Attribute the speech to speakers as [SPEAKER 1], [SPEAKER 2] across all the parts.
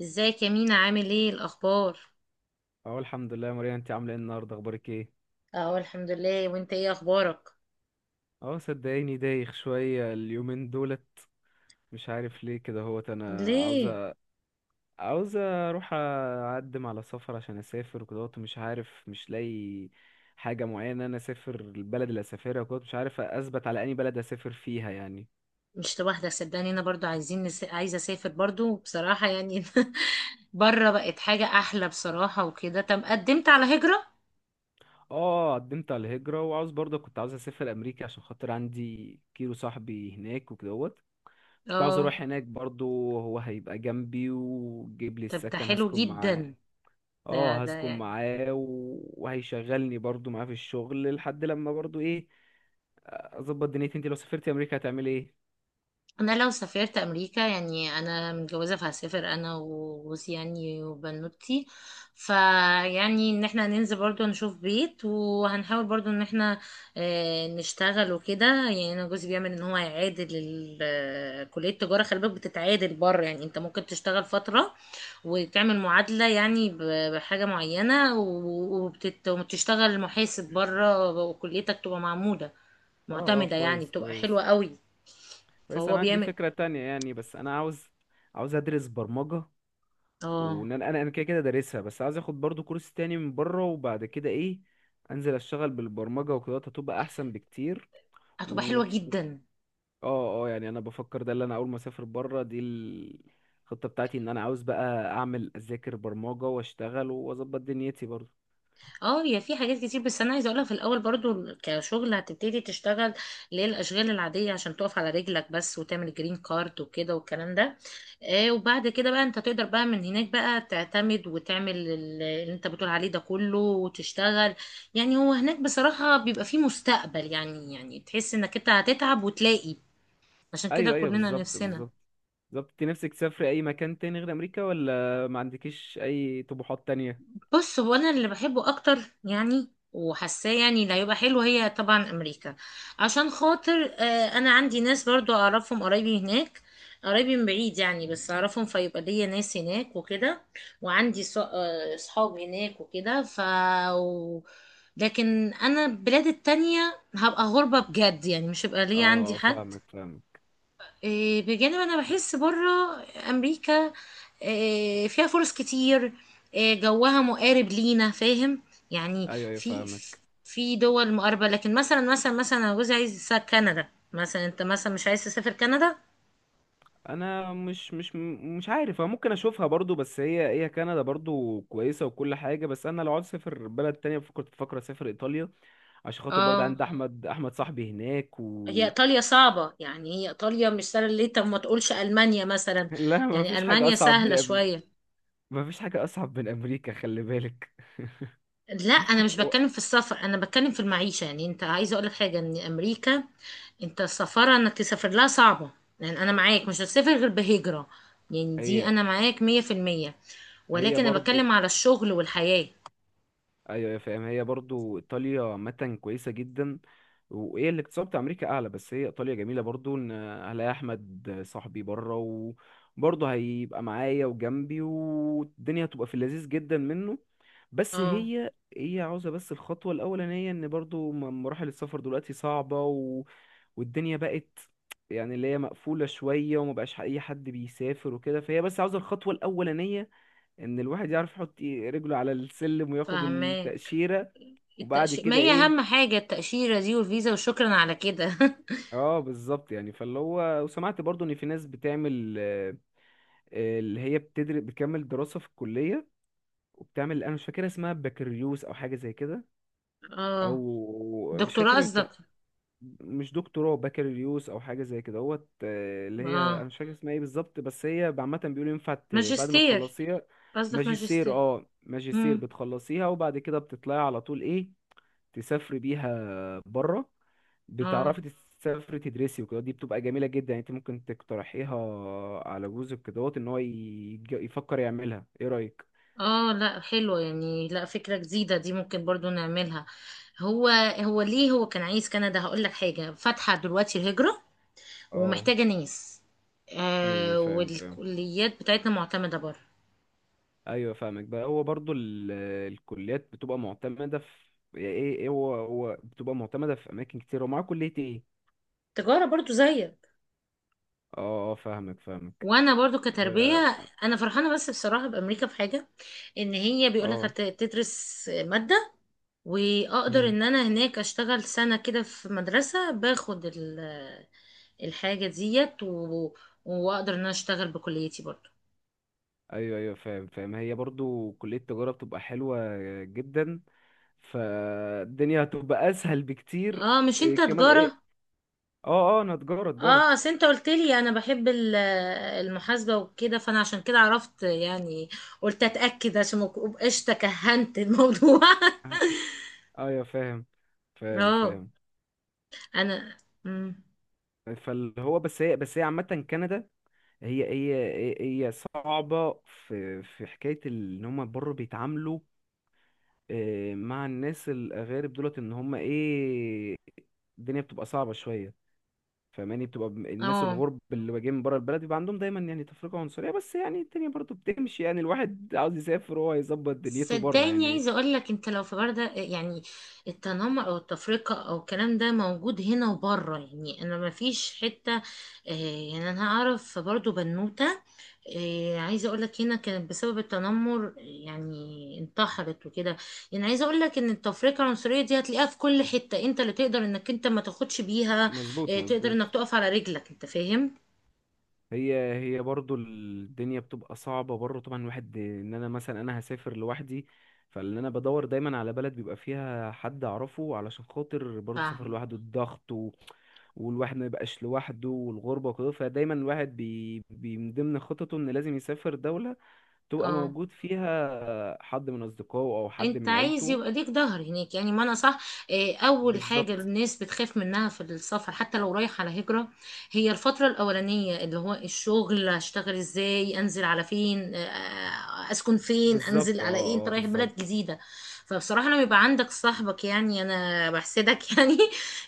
[SPEAKER 1] ازيك يا مينا؟ عامل ايه الاخبار؟
[SPEAKER 2] اه، الحمد لله يا ماريا. انت عامله ايه النهارده؟ اخبارك ايه؟
[SPEAKER 1] اهو الحمد لله. وانت ايه اخبارك؟
[SPEAKER 2] اه صدقيني دايخ شويه اليومين دولت. مش عارف ليه كده هوت انا
[SPEAKER 1] ليه؟
[SPEAKER 2] عاوزه اروح اقدم على سفر عشان اسافر وكده اهوت، مش عارف، مش لاقي حاجه معينه انا اسافر البلد اللي اسافرها وكده. مش عارف اثبت على اني بلد اسافر فيها يعني.
[SPEAKER 1] مش لوحدك صدقني، انا برضو عايزه اسافر برضو بصراحه يعني. بره بقت حاجه احلى بصراحه وكده. طب قدمت على هجره؟
[SPEAKER 2] اه قدمت على الهجره وعاوز برضه، كنت عاوز اسافر امريكا عشان خاطر عندي كيلو صاحبي هناك وكدهوت. كنت عاوز
[SPEAKER 1] اه،
[SPEAKER 2] اروح هناك برضه. هو هيبقى جنبي وجيب لي
[SPEAKER 1] طب ده
[SPEAKER 2] السكن،
[SPEAKER 1] حلو
[SPEAKER 2] هسكن معاه.
[SPEAKER 1] جدا. ده
[SPEAKER 2] اه هسكن
[SPEAKER 1] ده
[SPEAKER 2] معاه وهيشغلني برضو معاه في الشغل لحد لما برضو ايه، اظبط دنيتي. انت لو سافرتي امريكا هتعملي ايه؟
[SPEAKER 1] انا لو سافرت امريكا، يعني انا متجوزه فهسافر انا وجوزي يعني وبنوتي، فيعني ان احنا هننزل برضو نشوف بيت، وهنحاول برضو ان احنا نشتغل وكده. يعني انا جوزي بيعمل ان هو يعادل كليه التجاره، خلي بالك بتتعادل بره، يعني انت ممكن تشتغل فتره وتعمل معادله يعني بحاجه معينه، وبتشتغل محاسب بره وكليتك تبقى معموله
[SPEAKER 2] اه اه
[SPEAKER 1] معتمده، يعني
[SPEAKER 2] كويس
[SPEAKER 1] بتبقى حلوه
[SPEAKER 2] كويس.
[SPEAKER 1] قوي.
[SPEAKER 2] كويس،
[SPEAKER 1] فهو
[SPEAKER 2] انا عندي
[SPEAKER 1] بيعمل.
[SPEAKER 2] فكرة تانية يعني، بس انا عاوز. عاوز ادرس برمجة.
[SPEAKER 1] اه
[SPEAKER 2] وان انا كده كده دارسها، بس عاوز اخد برضو كورس تاني من بره وبعد كده ايه، انزل اشتغل بالبرمجة وكده هتبقى احسن بكتير.
[SPEAKER 1] هتبقى حلوة جدا.
[SPEAKER 2] اه اه، يعني انا بفكر ده اللي انا اول ما اسافر بره دي الخطه بتاعتي، ان انا عاوز بقى اعمل اذاكر برمجه واشتغل واظبط دنيتي برضه.
[SPEAKER 1] اه هي في حاجات كتير، بس انا عايزه اقولها في الاول. برضو كشغل هتبتدي تشتغل اللي هي الاشغال العاديه، عشان تقف على رجلك بس وتعمل جرين كارد وكده والكلام ده. آه وبعد كده بقى، انت تقدر بقى من هناك بقى تعتمد وتعمل اللي انت بتقول عليه ده كله وتشتغل. يعني هو هناك بصراحه بيبقى فيه مستقبل، يعني يعني تحس انك انت هتتعب وتلاقي. عشان كده
[SPEAKER 2] ايوه ايوه،
[SPEAKER 1] كلنا
[SPEAKER 2] بالظبط
[SPEAKER 1] نفسنا.
[SPEAKER 2] بالظبط. بالظبط، انت نفسك تسافري اي مكان تاني غير امريكا، ولا ما عندكيش اي طموحات تانية؟
[SPEAKER 1] بص، هو انا اللي بحبه اكتر يعني، وحاساه يعني اللي هيبقى حلو، هي طبعا امريكا. عشان خاطر انا عندي ناس برضو اعرفهم، قرايبي هناك. قرايبي من بعيد يعني، بس اعرفهم، فيبقى ليا ناس هناك وكده. وعندي صحاب هناك وكده. و- لكن انا البلاد التانية هبقى غربة بجد يعني، مش هيبقى ليا عندي
[SPEAKER 2] اه،
[SPEAKER 1] حد.
[SPEAKER 2] فاهمك فاهمك.
[SPEAKER 1] بجانب انا بحس بره امريكا فيها فرص كتير، جوها مقارب لينا، فاهم؟ يعني
[SPEAKER 2] ايوه ايوه
[SPEAKER 1] في
[SPEAKER 2] فاهمك.
[SPEAKER 1] في دول مقاربة. لكن مثلا مثلا انا جوزي عايز يسافر كندا، مثلا انت مثلا مش عايز تسافر كندا.
[SPEAKER 2] انا مش عارف. أنا ممكن اشوفها برضو، بس هي كندا برضو كويسه وكل حاجه، بس انا لو عاوز اسافر بلد تانية كنت بفكر اسافر ايطاليا عشان خاطر برضه
[SPEAKER 1] اه،
[SPEAKER 2] عندي احمد صاحبي هناك.
[SPEAKER 1] هي ايطاليا صعبة يعني، هي ايطاليا مش سهلة. ليه؟ طب ما تقولش المانيا مثلا؟
[SPEAKER 2] لا، ما
[SPEAKER 1] يعني
[SPEAKER 2] فيش حاجة
[SPEAKER 1] المانيا سهلة شوية.
[SPEAKER 2] ما فيش حاجة أصعب من أمريكا، خلي بالك.
[SPEAKER 1] لا، انا مش
[SPEAKER 2] و-
[SPEAKER 1] بتكلم في السفر، انا بتكلم في المعيشه. يعني انت عايزه اقول لك حاجه، ان امريكا انت السفاره انك تسافر لها صعبه، يعني انا معاك مش هتسافر غير بهجره، يعني دي
[SPEAKER 2] هي
[SPEAKER 1] انا معاك مية في المية.
[SPEAKER 2] هي
[SPEAKER 1] ولكن انا
[SPEAKER 2] برضو.
[SPEAKER 1] بتكلم على الشغل والحياه.
[SPEAKER 2] أيوة يا فاهم، هي برضو إيطاليا عامة كويسة جدا. وهي الاقتصاد بتاع أمريكا أعلى، بس هي إيطاليا جميلة برضو. إن هلاقي أحمد صاحبي بره وبرضه هيبقى معايا وجنبي، والدنيا هتبقى في اللذيذ جدا منه. بس
[SPEAKER 1] اه
[SPEAKER 2] هي عاوزة، بس الخطوة الأولانية إن برضو مراحل السفر دلوقتي صعبة، والدنيا بقت يعني اللي هي مقفولة شوية ومبقاش أي حد بيسافر وكده، فهي بس عاوزة الخطوة الأولانية إن الواحد يعرف يحط إيه رجله على السلم وياخد
[SPEAKER 1] فهماك.
[SPEAKER 2] التأشيرة. وبعد
[SPEAKER 1] التأشيرة ما
[SPEAKER 2] كده
[SPEAKER 1] هي
[SPEAKER 2] إيه؟
[SPEAKER 1] اهم حاجه، التأشيره دي والفيزا وشكرا على كده.
[SPEAKER 2] اه بالظبط يعني. فاللي هو وسمعت برضو ان في ناس بتعمل اللي هي بتدرس بتكمل دراسة في الكلية وبتعمل، انا مش فاكر اسمها بكالوريوس او حاجة زي كده،
[SPEAKER 1] اه.
[SPEAKER 2] او مش
[SPEAKER 1] دكتوراه
[SPEAKER 2] فاكر هي،
[SPEAKER 1] قصدك؟
[SPEAKER 2] مش دكتوراه، بكالوريوس او حاجه زي كده هوت. اللي هي انا
[SPEAKER 1] اه،
[SPEAKER 2] مش فاكر اسمها ايه بالظبط، بس هي عامه بيقولوا ينفع بعد ما
[SPEAKER 1] ماجستير.
[SPEAKER 2] تخلصيها.
[SPEAKER 1] قصدك
[SPEAKER 2] ماجستير.
[SPEAKER 1] ماجستير.
[SPEAKER 2] اه ماجستير
[SPEAKER 1] امم.
[SPEAKER 2] بتخلصيها، وبعد كده بتطلعي على طول ايه، تسافري بيها بره.
[SPEAKER 1] اه
[SPEAKER 2] بتعرفي تسافري تدرسي وكده، دي بتبقى جميله جدا يعني. انت ممكن تقترحيها على جوزك كدهوت ان هو يفكر يعملها. ايه رايك؟
[SPEAKER 1] اه، لا حلوة يعني، لا فكرة جديدة دي، ممكن برضو نعملها. هو هو ليه هو كان عايز كندا؟ هقول لك حاجة، فاتحة دلوقتي الهجرة
[SPEAKER 2] اه،
[SPEAKER 1] ومحتاجة ناس.
[SPEAKER 2] ايوه أيوة،
[SPEAKER 1] آه
[SPEAKER 2] فاهم فاهم.
[SPEAKER 1] والكليات بتاعتنا معتمدة بره.
[SPEAKER 2] ايوه فاهمك بقى. هو برضو الكليات بتبقى معتمده في يعني ايه ايه. هو بتبقى معتمده في اماكن كتير، ومعاه كليه ايه.
[SPEAKER 1] تجارة برضو زيك.
[SPEAKER 2] اه اه فاهمك فاهمك.
[SPEAKER 1] وانا برضو
[SPEAKER 2] اه.
[SPEAKER 1] كتربية انا فرحانة. بس بصراحة بامريكا في حاجة، ان هي بيقول لك
[SPEAKER 2] آه.
[SPEAKER 1] هتدرس مادة، واقدر
[SPEAKER 2] مم.
[SPEAKER 1] ان انا هناك اشتغل سنة كده في مدرسة، باخد الحاجة ديت و... واقدر ان انا اشتغل بكليتي برضو.
[SPEAKER 2] ايوه ايوه فاهم فاهم. هي برضو كليه التجاره بتبقى حلوه جدا، فالدنيا هتبقى اسهل بكتير.
[SPEAKER 1] اه، مش انت
[SPEAKER 2] إيه كمان ايه؟
[SPEAKER 1] تجارة؟
[SPEAKER 2] اه اه انا تجاره تجاره.
[SPEAKER 1] اه، اصل انت قلت لي انا بحب المحاسبة وكده، فانا عشان كده عرفت يعني. قلت اتأكد عشان ما ابقاش تكهنت الموضوع.
[SPEAKER 2] آه، ايوه فاهم فاهم
[SPEAKER 1] اه.
[SPEAKER 2] فاهم.
[SPEAKER 1] انا مم.
[SPEAKER 2] فاللي هو بس هي، بس هي عامه كندا، هي هي هي صعبة. في حكاية ان هما برضه بيتعاملوا مع الناس الأغارب دولت ان هما ايه، الدنيا بتبقى صعبة شوية. فاهماني، بتبقى الناس
[SPEAKER 1] اه
[SPEAKER 2] الغرب اللي جايين من بره البلد بيبقى عندهم دايما يعني تفرقة عنصرية، بس يعني الدنيا برضه بتمشي يعني، الواحد عاوز يسافر وهو يظبط دنيته بره
[SPEAKER 1] صدقني،
[SPEAKER 2] يعني.
[SPEAKER 1] عايزه اقول لك انت لو في برده يعني التنمر او التفرقه او الكلام ده، موجود هنا وبره يعني. انا ما فيش حته آه، يعني انا اعرف برضو بنوته، عايزه اقول لك هنا، كانت بسبب التنمر يعني انتحرت وكده. يعني عايزه اقول لك ان التفرقه العنصريه دي هتلاقيها في كل حته. انت اللي تقدر انك انت ما تاخدش بيها،
[SPEAKER 2] مظبوط
[SPEAKER 1] تقدر
[SPEAKER 2] مظبوط.
[SPEAKER 1] انك تقف على رجلك، انت فاهم.
[SPEAKER 2] هي برضو الدنيا بتبقى صعبة برضو طبعا الواحد. ان انا مثلا انا هسافر لوحدي، فاللي انا بدور دايما على بلد بيبقى فيها حد اعرفه علشان خاطر برضو سفر
[SPEAKER 1] فاهمة.
[SPEAKER 2] لوحده، الضغط و... والواحد ما يبقاش لوحده، والغربة وكده، فدايما الواحد بي... بي من ضمن خططه ان لازم يسافر دولة تبقى
[SPEAKER 1] اه،
[SPEAKER 2] موجود فيها حد من اصدقائه او حد
[SPEAKER 1] انت
[SPEAKER 2] من
[SPEAKER 1] عايز
[SPEAKER 2] عيلته.
[SPEAKER 1] يبقى ليك ظهر هناك يعني، ما انا صح. اول حاجه
[SPEAKER 2] بالظبط
[SPEAKER 1] الناس بتخاف منها في السفر، حتى لو رايح على هجره، هي الفتره الاولانيه، اللي هو الشغل هشتغل ازاي، انزل على فين، اسكن فين، انزل
[SPEAKER 2] بالظبط اه
[SPEAKER 1] على ايه، انت
[SPEAKER 2] اه
[SPEAKER 1] رايح
[SPEAKER 2] بالظبط.
[SPEAKER 1] بلد جديده. فبصراحه لما يبقى عندك صاحبك، يعني انا بحسدك يعني،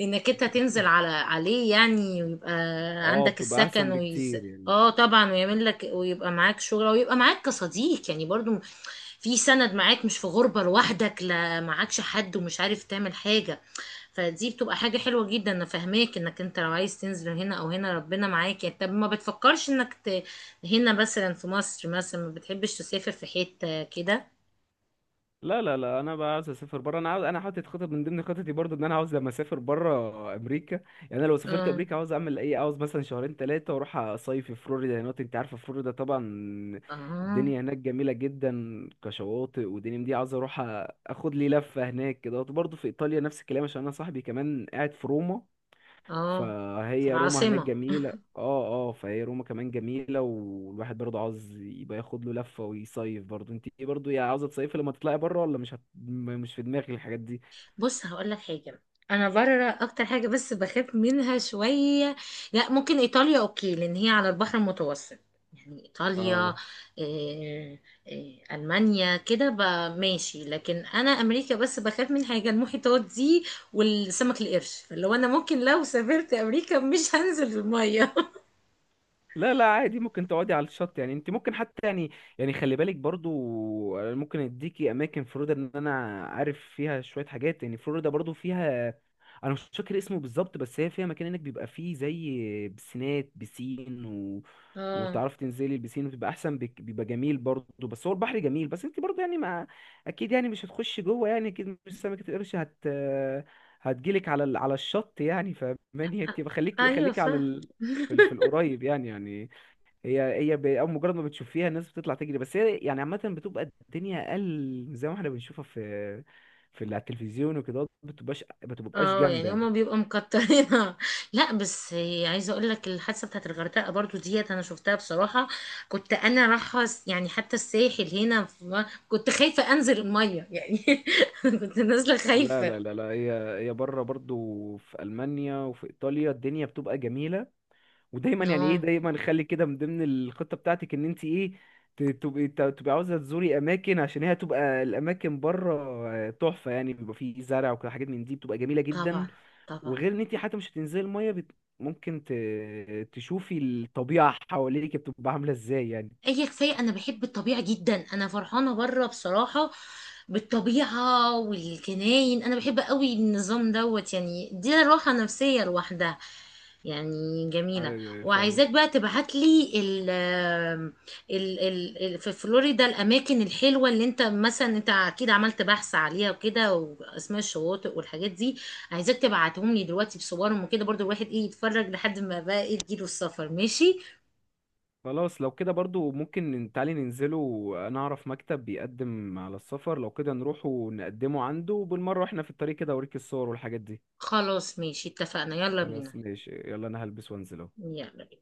[SPEAKER 1] انك انت تنزل على عليه يعني، ويبقى
[SPEAKER 2] اه
[SPEAKER 1] عندك
[SPEAKER 2] بتبقى احسن
[SPEAKER 1] السكن.
[SPEAKER 2] بكتير يعني.
[SPEAKER 1] اه طبعا، ويعمل لك ويبقى معاك شغل، ويبقى معاك كصديق يعني، برضو في سند معاك، مش في غربة لوحدك، لا معاكش حد ومش عارف تعمل حاجة. فدي بتبقى حاجة حلوة جدا. انا فاهماك، انك انت لو عايز تنزل هنا او هنا ربنا معاك يعني. طب ما بتفكرش انك ت... هنا مثلا في مصر مثلا، ما بتحبش تسافر في حتة كده؟
[SPEAKER 2] لا لا لا، انا بقى عاوز اسافر بره. انا عاوز، انا حاطط خطط من ضمن خططي برضو ان انا عاوز لما اسافر بره امريكا، يعني انا لو سافرت
[SPEAKER 1] اه
[SPEAKER 2] امريكا عاوز اعمل ايه؟ عاوز مثلا شهرين ثلاثه واروح اصيف في فلوريدا هناك. انت عارفه فلوريدا طبعا.
[SPEAKER 1] اه
[SPEAKER 2] الدنيا هناك جميله جدا كشواطئ ودنيا من دي. عاوز اروح اخد لي لفه هناك كده. برضو في ايطاليا نفس الكلام عشان انا صاحبي كمان قاعد في روما.
[SPEAKER 1] اه. في
[SPEAKER 2] فهي روما هناك
[SPEAKER 1] العاصمة.
[SPEAKER 2] جميلة. اه اه فهي روما كمان جميلة، والواحد برضه عاوز يبقى ياخد له لفة ويصيف برضه. انت ايه برضه يا، عاوزة تصيفي لما تطلعي بره، ولا مش هت... م- مش في دماغك الحاجات دي؟
[SPEAKER 1] بص هقول لك حاجه، انا بره اكتر حاجه بس بخاف منها شويه. لا ممكن ايطاليا اوكي، لان هي على البحر المتوسط، يعني ايطاليا.
[SPEAKER 2] اه،
[SPEAKER 1] إيه إيه، المانيا كده ماشي. لكن انا امريكا بس بخاف من حاجه، المحيطات دي والسمك القرش. فلو انا ممكن لو سافرت امريكا مش هنزل الميه.
[SPEAKER 2] لا لا عادي ممكن تقعدي على الشط يعني. انت ممكن حتى يعني، يعني خلي بالك برضه. أنا ممكن اديكي اماكن فلوريدا ان انا عارف فيها شوية حاجات. يعني فلوريدا برضه فيها، انا مش فاكر اسمه بالظبط، بس هي فيها مكان هناك بيبقى فيه زي بسينات بسين،
[SPEAKER 1] اه.
[SPEAKER 2] وتعرفي تنزلي البسين وتبقى احسن بيبقى جميل برضه. بس هو البحر جميل، بس انت برضه يعني ما، اكيد يعني مش هتخشي جوه يعني. اكيد مش سمكة القرش هتجيلك على على الشط يعني. فماني انت
[SPEAKER 1] أ-
[SPEAKER 2] بخليكي،
[SPEAKER 1] ايوه.
[SPEAKER 2] خليكي على في في القريب يعني يعني. هي هي أول مجرد ما بتشوفيها الناس بتطلع تجري، بس هي يعني عامة بتبقى الدنيا اقل زي ما احنا بنشوفها في في على التلفزيون وكده، بتبقاش
[SPEAKER 1] اه
[SPEAKER 2] جامدة
[SPEAKER 1] يعني
[SPEAKER 2] يعني.
[SPEAKER 1] هما بيبقوا مكترينها. لا بس عايزه اقول لك الحادثه بتاعت الغردقه برضو ديت، انا شفتها بصراحه. كنت انا يعني حتى الساحل هنا كنت خايفه انزل الميه يعني. كنت نازله
[SPEAKER 2] لا
[SPEAKER 1] خايفه.
[SPEAKER 2] لا لا لا. هي بره برضو في ألمانيا وفي إيطاليا الدنيا بتبقى جميلة. ودايما يعني ايه،
[SPEAKER 1] اه.
[SPEAKER 2] دايما خلي كده من ضمن الخطه بتاعتك ان انت ايه، تبقي عاوزه تزوري اماكن، عشان هي هتبقى الاماكن بره تحفه يعني، بيبقى فيه زرع وكده حاجات من دي بتبقى جميله جدا.
[SPEAKER 1] طبعا طبعا.
[SPEAKER 2] وغير ان انت حتى مش هتنزلي الميه ممكن تشوفي الطبيعه حواليك بتبقى عامله ازاي يعني.
[SPEAKER 1] اي، كفايه انا بحب الطبيعه جدا. انا فرحانه بره بصراحه، بالطبيعه والجناين. انا بحب قوي النظام دوت، يعني دي راحه نفسيه لوحدها، يعني جميلة.
[SPEAKER 2] ايوه أيوة، فاهمك.
[SPEAKER 1] وعايزاك بقى تبعت لي في فلوريدا الأماكن الحلوة، اللي أنت مثلا أنت أكيد عملت بحث عليها وكده، وأسماء الشواطئ والحاجات دي. عايزاك تبعتهم لي دلوقتي بصورهم وكده، برضو الواحد إيه، يتفرج لحد ما بقى إيه تجيله السفر، ماشي.
[SPEAKER 2] خلاص لو كده برضو ممكن تعالي ننزله. انا اعرف مكتب بيقدم على السفر، لو كده نروح ونقدمه عنده، وبالمره واحنا في الطريق كده اوريك الصور والحاجات دي.
[SPEAKER 1] خلاص ماشي، اتفقنا، يلا
[SPEAKER 2] خلاص
[SPEAKER 1] بينا.
[SPEAKER 2] ماشي، يلا انا هلبس وانزل اهو.
[SPEAKER 1] يلا بينا.